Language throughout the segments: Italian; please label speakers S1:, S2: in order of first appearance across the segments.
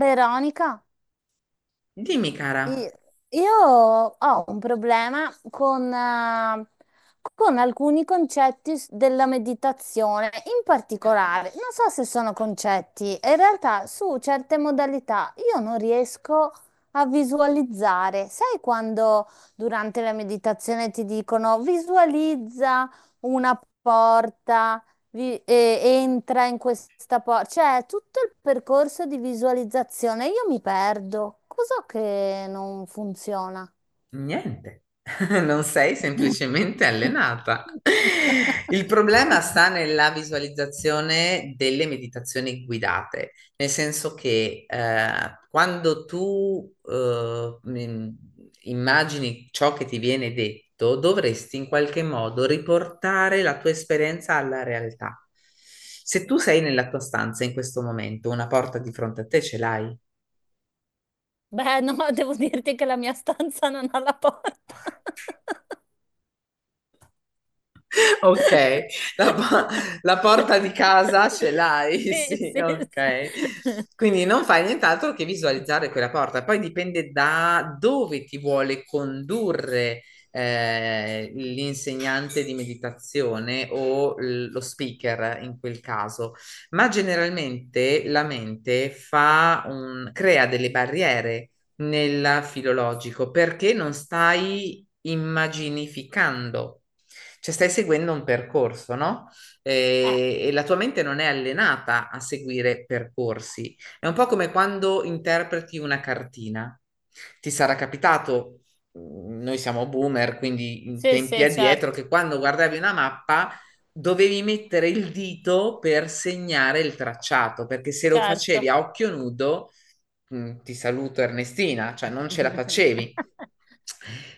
S1: Veronica,
S2: Dimmi,
S1: i-
S2: cara,
S1: io ho un problema con con alcuni della meditazione, in particolare, non so se sono concetti, in realtà su certe modalità io non riesco a visualizzare. Sai quando durante la meditazione ti dicono visualizza una porta? Entra in questa porta. Cioè, tutto il percorso di visualizzazione, io mi perdo. Cos'ho che non funziona?
S2: niente, non sei semplicemente allenata. Il problema sta nella visualizzazione delle meditazioni guidate, nel senso che quando tu immagini ciò che ti viene detto, dovresti in qualche modo riportare la tua esperienza alla realtà. Se tu sei nella tua stanza in questo momento, una porta di fronte a te ce l'hai?
S1: Beh, no, devo dirti che la mia stanza non ha la porta.
S2: Ok, la, po- la porta di casa ce l'hai,
S1: Sì,
S2: sì,
S1: sì,
S2: ok.
S1: sì.
S2: Quindi non fai nient'altro che visualizzare quella porta. Poi dipende da dove ti vuole condurre l'insegnante di meditazione o lo speaker in quel caso. Ma generalmente la mente crea delle barriere nel filologico perché non stai immaginificando. Cioè stai seguendo un percorso, no?
S1: Eh,
S2: E la tua mente non è allenata a seguire percorsi. È un po' come quando interpreti una cartina. Ti sarà capitato, noi siamo boomer, quindi in
S1: sì,
S2: tempi
S1: sì,
S2: addietro,
S1: certo,
S2: che quando guardavi una mappa dovevi mettere il dito per segnare il tracciato, perché se lo
S1: certo.
S2: facevi a occhio nudo, ti saluto Ernestina, cioè non ce la facevi.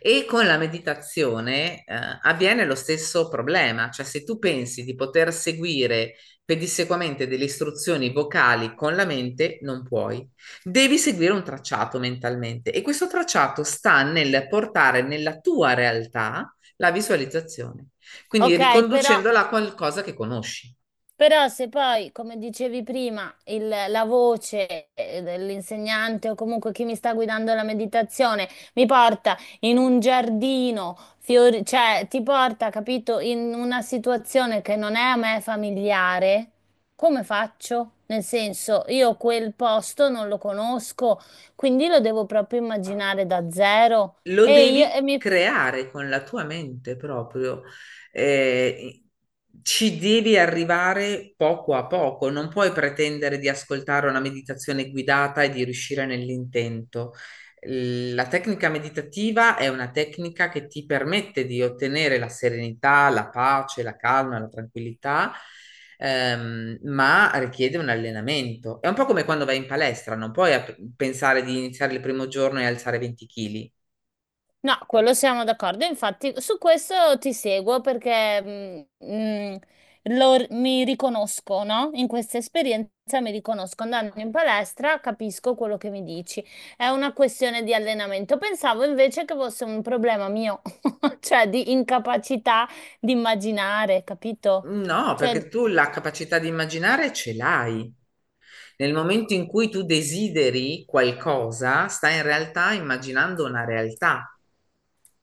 S2: E con la meditazione, avviene lo stesso problema, cioè se tu pensi di poter seguire pedissequamente delle istruzioni vocali con la mente, non puoi. Devi seguire un tracciato mentalmente e questo tracciato sta nel portare nella tua realtà la visualizzazione, quindi
S1: Ok, però.
S2: riconducendola a qualcosa che conosci.
S1: Però se poi, come dicevi prima, la voce dell'insegnante o comunque chi mi sta guidando la meditazione mi porta in un giardino, cioè ti porta, capito, in una situazione che non è a me familiare, come faccio? Nel senso, io quel posto non lo conosco, quindi lo devo proprio immaginare da zero.
S2: Lo
S1: E, io,
S2: devi
S1: e mi
S2: creare con la tua mente proprio. Eh, Ci devi arrivare poco a poco, non puoi pretendere di ascoltare una meditazione guidata e di riuscire nell'intento. La tecnica meditativa è una tecnica che ti permette di ottenere la serenità, la pace, la calma, la tranquillità, ma richiede un allenamento. È un po' come quando vai in palestra, non puoi pensare di iniziare il primo giorno e alzare 20 kg.
S1: No, quello siamo d'accordo. Infatti, su questo ti seguo perché mi riconosco, no? In questa esperienza mi riconosco. Andando in palestra capisco quello che mi dici. È una questione di allenamento. Pensavo invece che fosse un problema mio, cioè di incapacità di immaginare, capito?
S2: No,
S1: Cioè,
S2: perché tu la capacità di immaginare ce l'hai. Nel momento in cui tu desideri qualcosa, stai in realtà immaginando una realtà.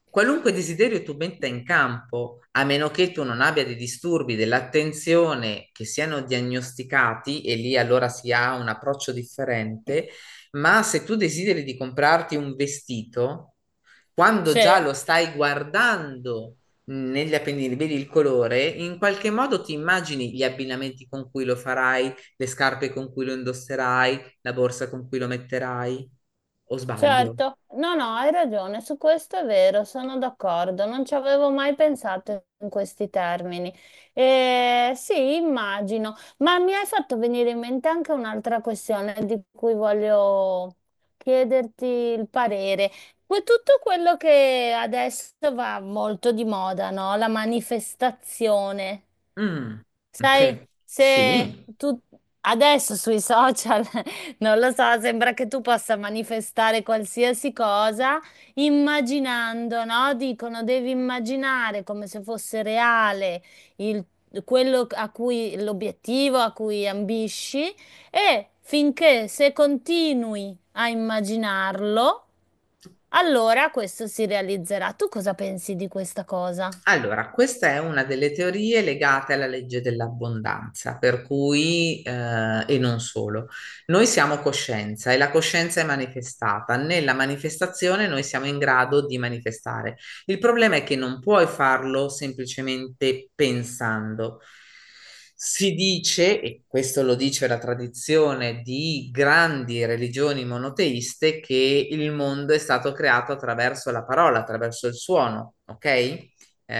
S2: Qualunque desiderio tu metta in campo, a meno che tu non abbia dei disturbi dell'attenzione che siano diagnosticati, e lì allora si ha un approccio differente, ma se tu desideri di comprarti un vestito, quando
S1: sì.
S2: già lo stai guardando negli appendini, vedi il colore, in qualche modo ti immagini gli abbinamenti con cui lo farai, le scarpe con cui lo indosserai, la borsa con cui lo metterai, o sbaglio?
S1: Certo, no, no, hai ragione, su questo è vero, sono d'accordo, non ci avevo mai pensato in questi termini. Sì, immagino, ma mi hai fatto venire in mente anche un'altra questione di cui voglio chiederti il parere. Tutto quello che adesso va molto di moda, no? La manifestazione.
S2: Mm,
S1: Sai,
S2: ok,
S1: se
S2: sì.
S1: tu adesso sui social, non lo so, sembra che tu possa manifestare qualsiasi cosa immaginando, no? Dicono devi immaginare come se fosse reale il- quello a cui l'obiettivo a cui ambisci e finché se continui a immaginarlo, allora questo si realizzerà. Tu cosa pensi di questa cosa?
S2: Allora, questa è una delle teorie legate alla legge dell'abbondanza, per cui, e non solo, noi siamo coscienza e la coscienza è manifestata. Nella manifestazione noi siamo in grado di manifestare. Il problema è che non puoi farlo semplicemente pensando. Si dice, e questo lo dice la tradizione di grandi religioni monoteiste, che il mondo è stato creato attraverso la parola, attraverso il suono, ok?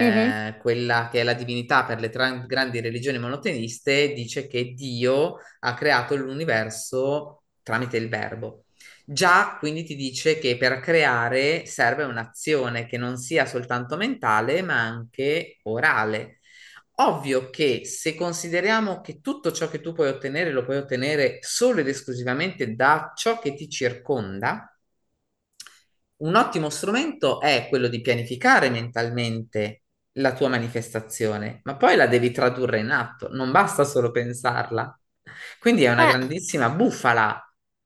S1: Mhm.
S2: Quella che è la divinità per le grandi religioni monoteiste, dice che Dio ha creato l'universo tramite il verbo. Già quindi ti dice che per creare serve un'azione che non sia soltanto mentale, ma anche orale. Ovvio che se consideriamo che tutto ciò che tu puoi ottenere lo puoi ottenere solo ed esclusivamente da ciò che ti circonda, un ottimo strumento è quello di pianificare mentalmente la tua manifestazione, ma poi la devi tradurre in atto, non basta solo pensarla. Quindi è una
S1: Eh,
S2: grandissima bufala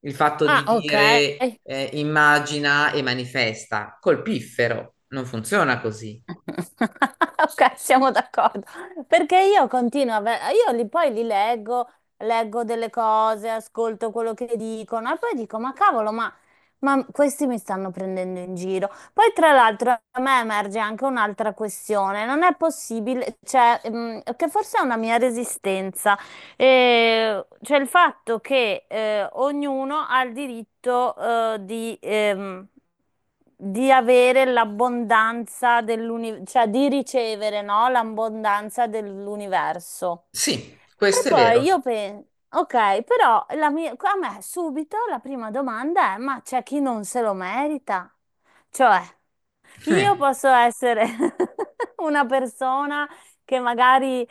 S2: il fatto
S1: ah,
S2: di
S1: ok.
S2: dire immagina e manifesta col piffero, non funziona così.
S1: Ok, siamo d'accordo. Perché io continuo a... Io li, poi li leggo, leggo delle cose, ascolto quello che dicono e poi dico, ma cavolo, ma questi mi stanno prendendo in giro. Poi tra l'altro a me emerge anche un'altra questione. Non è possibile, cioè, mm, che forse è una mia resistenza. Cioè il fatto che ognuno ha il diritto eh, di, ehm, di avere l'abbondanza dell'universo, cioè di ricevere, no? L'abbondanza dell'universo.
S2: Sì,
S1: E
S2: questo è
S1: poi
S2: vero.
S1: io penso, ok, però a me subito la prima domanda è, ma c'è chi non se lo merita? Cioè.
S2: Eh,
S1: Io posso essere una persona che magari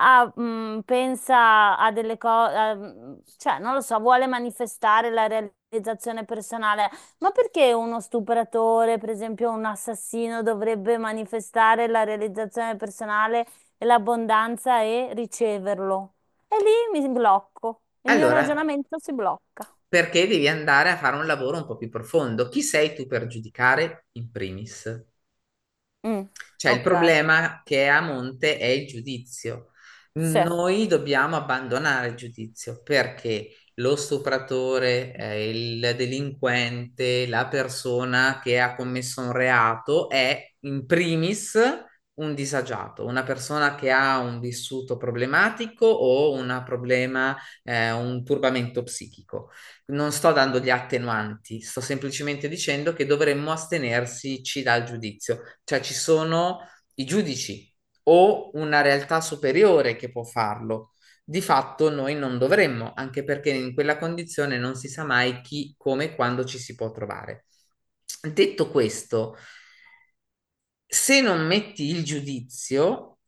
S1: ha, pensa a delle cose, cioè non lo so, vuole manifestare la realizzazione personale, ma perché uno stupratore, per esempio un assassino, dovrebbe manifestare la realizzazione personale e l'abbondanza e riceverlo? E lì mi blocco, il mio
S2: Allora,
S1: ragionamento si blocca.
S2: perché devi andare a fare un lavoro un po' più profondo? Chi sei tu per giudicare in primis?
S1: Mm,
S2: Cioè, il
S1: ok,
S2: problema che è a monte è il giudizio.
S1: sì.
S2: Noi dobbiamo abbandonare il giudizio perché lo stupratore, il delinquente, la persona che ha commesso un reato è in primis un disagiato, una persona che ha un vissuto problematico o un problema, un turbamento psichico. Non sto dando gli attenuanti, sto semplicemente dicendo che dovremmo astenersi dal giudizio, cioè ci sono i giudici o una realtà superiore che può farlo. Di fatto noi non dovremmo, anche perché in quella condizione non si sa mai chi, come e quando ci si può trovare. Detto questo, se non metti il giudizio,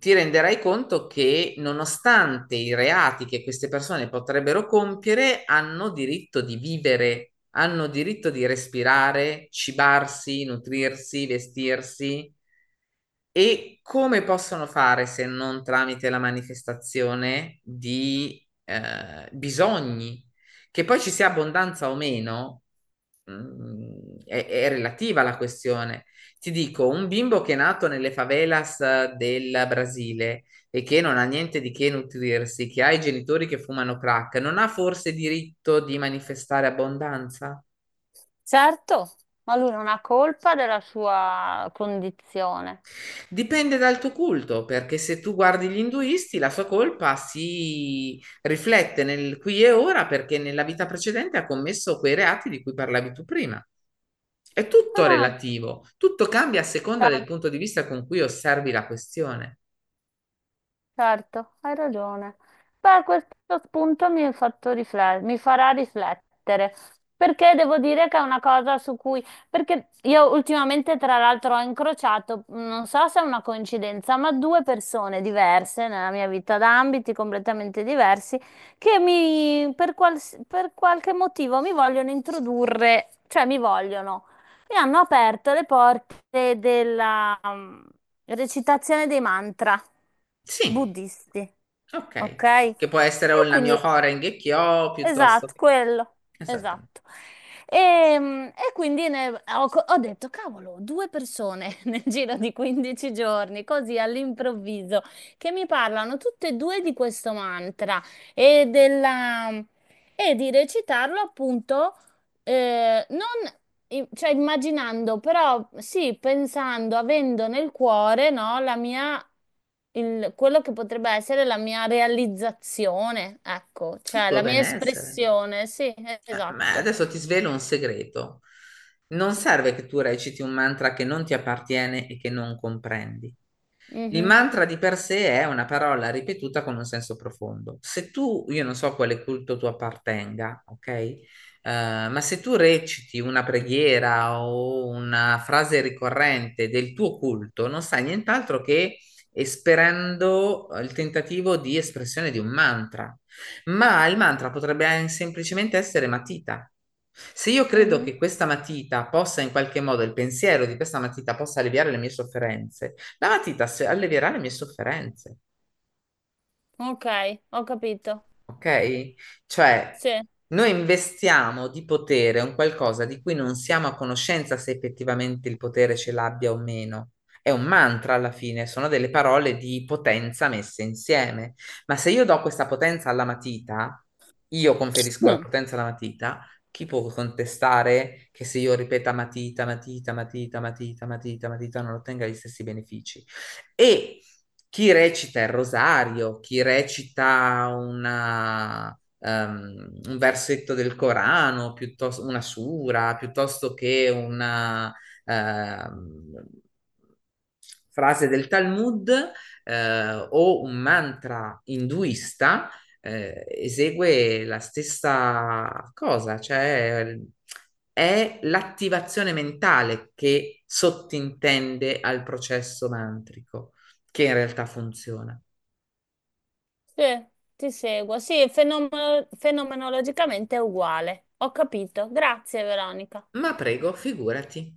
S2: ti renderai conto che nonostante i reati che queste persone potrebbero compiere, hanno diritto di vivere, hanno diritto di respirare, cibarsi, nutrirsi, vestirsi. E come possono fare se non tramite la manifestazione di bisogni? Che poi ci sia abbondanza o meno, è relativa la questione. Ti dico, un bimbo che è nato nelle favelas del Brasile e che non ha niente di che nutrirsi, che ha i genitori che fumano crack, non ha forse diritto di manifestare abbondanza?
S1: Certo, ma lui non ha colpa della sua condizione.
S2: Dipende dal tuo culto, perché se tu guardi gli induisti, la sua colpa si riflette nel qui e ora perché nella vita precedente ha commesso quei reati di cui parlavi tu prima. È tutto
S1: Ah,
S2: relativo, tutto cambia a seconda del
S1: certo,
S2: punto di vista con cui osservi la questione.
S1: certo, hai ragione. Beh, questo spunto mi ha fatto mi farà riflettere, perché devo dire che è una cosa su cui, perché io ultimamente tra l'altro ho incrociato, non so se è una coincidenza, ma due persone diverse nella mia vita, da ambiti completamente diversi, che mi, per per qualche motivo mi vogliono introdurre, cioè mi vogliono. E hanno aperto le porte della mm, recitazione dei mantra
S2: Sì,
S1: buddisti, ok?
S2: ok,
S1: E
S2: che può essere o il mio
S1: quindi,
S2: Horeng e Kyo piuttosto
S1: esatto,
S2: che...
S1: quello,
S2: Esattamente,
S1: esatto. E, mm, e quindi ho detto, cavolo, due persone nel giro di 15 giorni, così all'improvviso, che mi parlano tutte e due di questo mantra e della... mm, e di recitarlo appunto non, i- cioè immaginando, però sì, pensando, avendo nel cuore, no, la mia, quello che potrebbe essere la mia realizzazione, ecco,
S2: il
S1: cioè la
S2: tuo
S1: mia
S2: benessere.
S1: espressione, sì,
S2: Ah, ma
S1: esatto.
S2: adesso ti svelo un segreto. Non serve che tu reciti un mantra che non ti appartiene e che non comprendi. Il
S1: Mhm,
S2: mantra di per sé è una parola ripetuta con un senso profondo. Se tu, io non so a quale culto tu appartenga, ok? Ma se tu reciti una preghiera o una frase ricorrente del tuo culto, non stai nient'altro che esperendo il tentativo di espressione di un mantra. Ma il mantra potrebbe semplicemente essere matita. Se io credo
S1: mhm.
S2: che questa matita possa in qualche modo, il pensiero di questa matita possa alleviare le mie sofferenze, la matita allevierà le mie sofferenze,
S1: Ok, ho capito.
S2: ok? Cioè,
S1: Sì.
S2: noi investiamo di potere un qualcosa di cui non siamo a conoscenza se effettivamente il potere ce l'abbia o meno. È un mantra alla fine, sono delle parole di potenza messe insieme. Ma se io do questa potenza alla matita, io conferisco la
S1: Mm.
S2: potenza alla matita, chi può contestare che se io ripeta matita, matita, matita, matita, matita, matita, non ottenga gli stessi benefici? E chi recita il rosario, chi recita un versetto del Corano, piuttosto una sura, piuttosto che una ehm, frase del Talmud o un mantra induista, esegue la stessa cosa, cioè è l'attivazione mentale che sottintende al processo mantrico, che in realtà funziona.
S1: Sì, ti seguo. Sì, fenomenologicamente è uguale. Ho capito. Grazie, Veronica.
S2: Ma prego, figurati.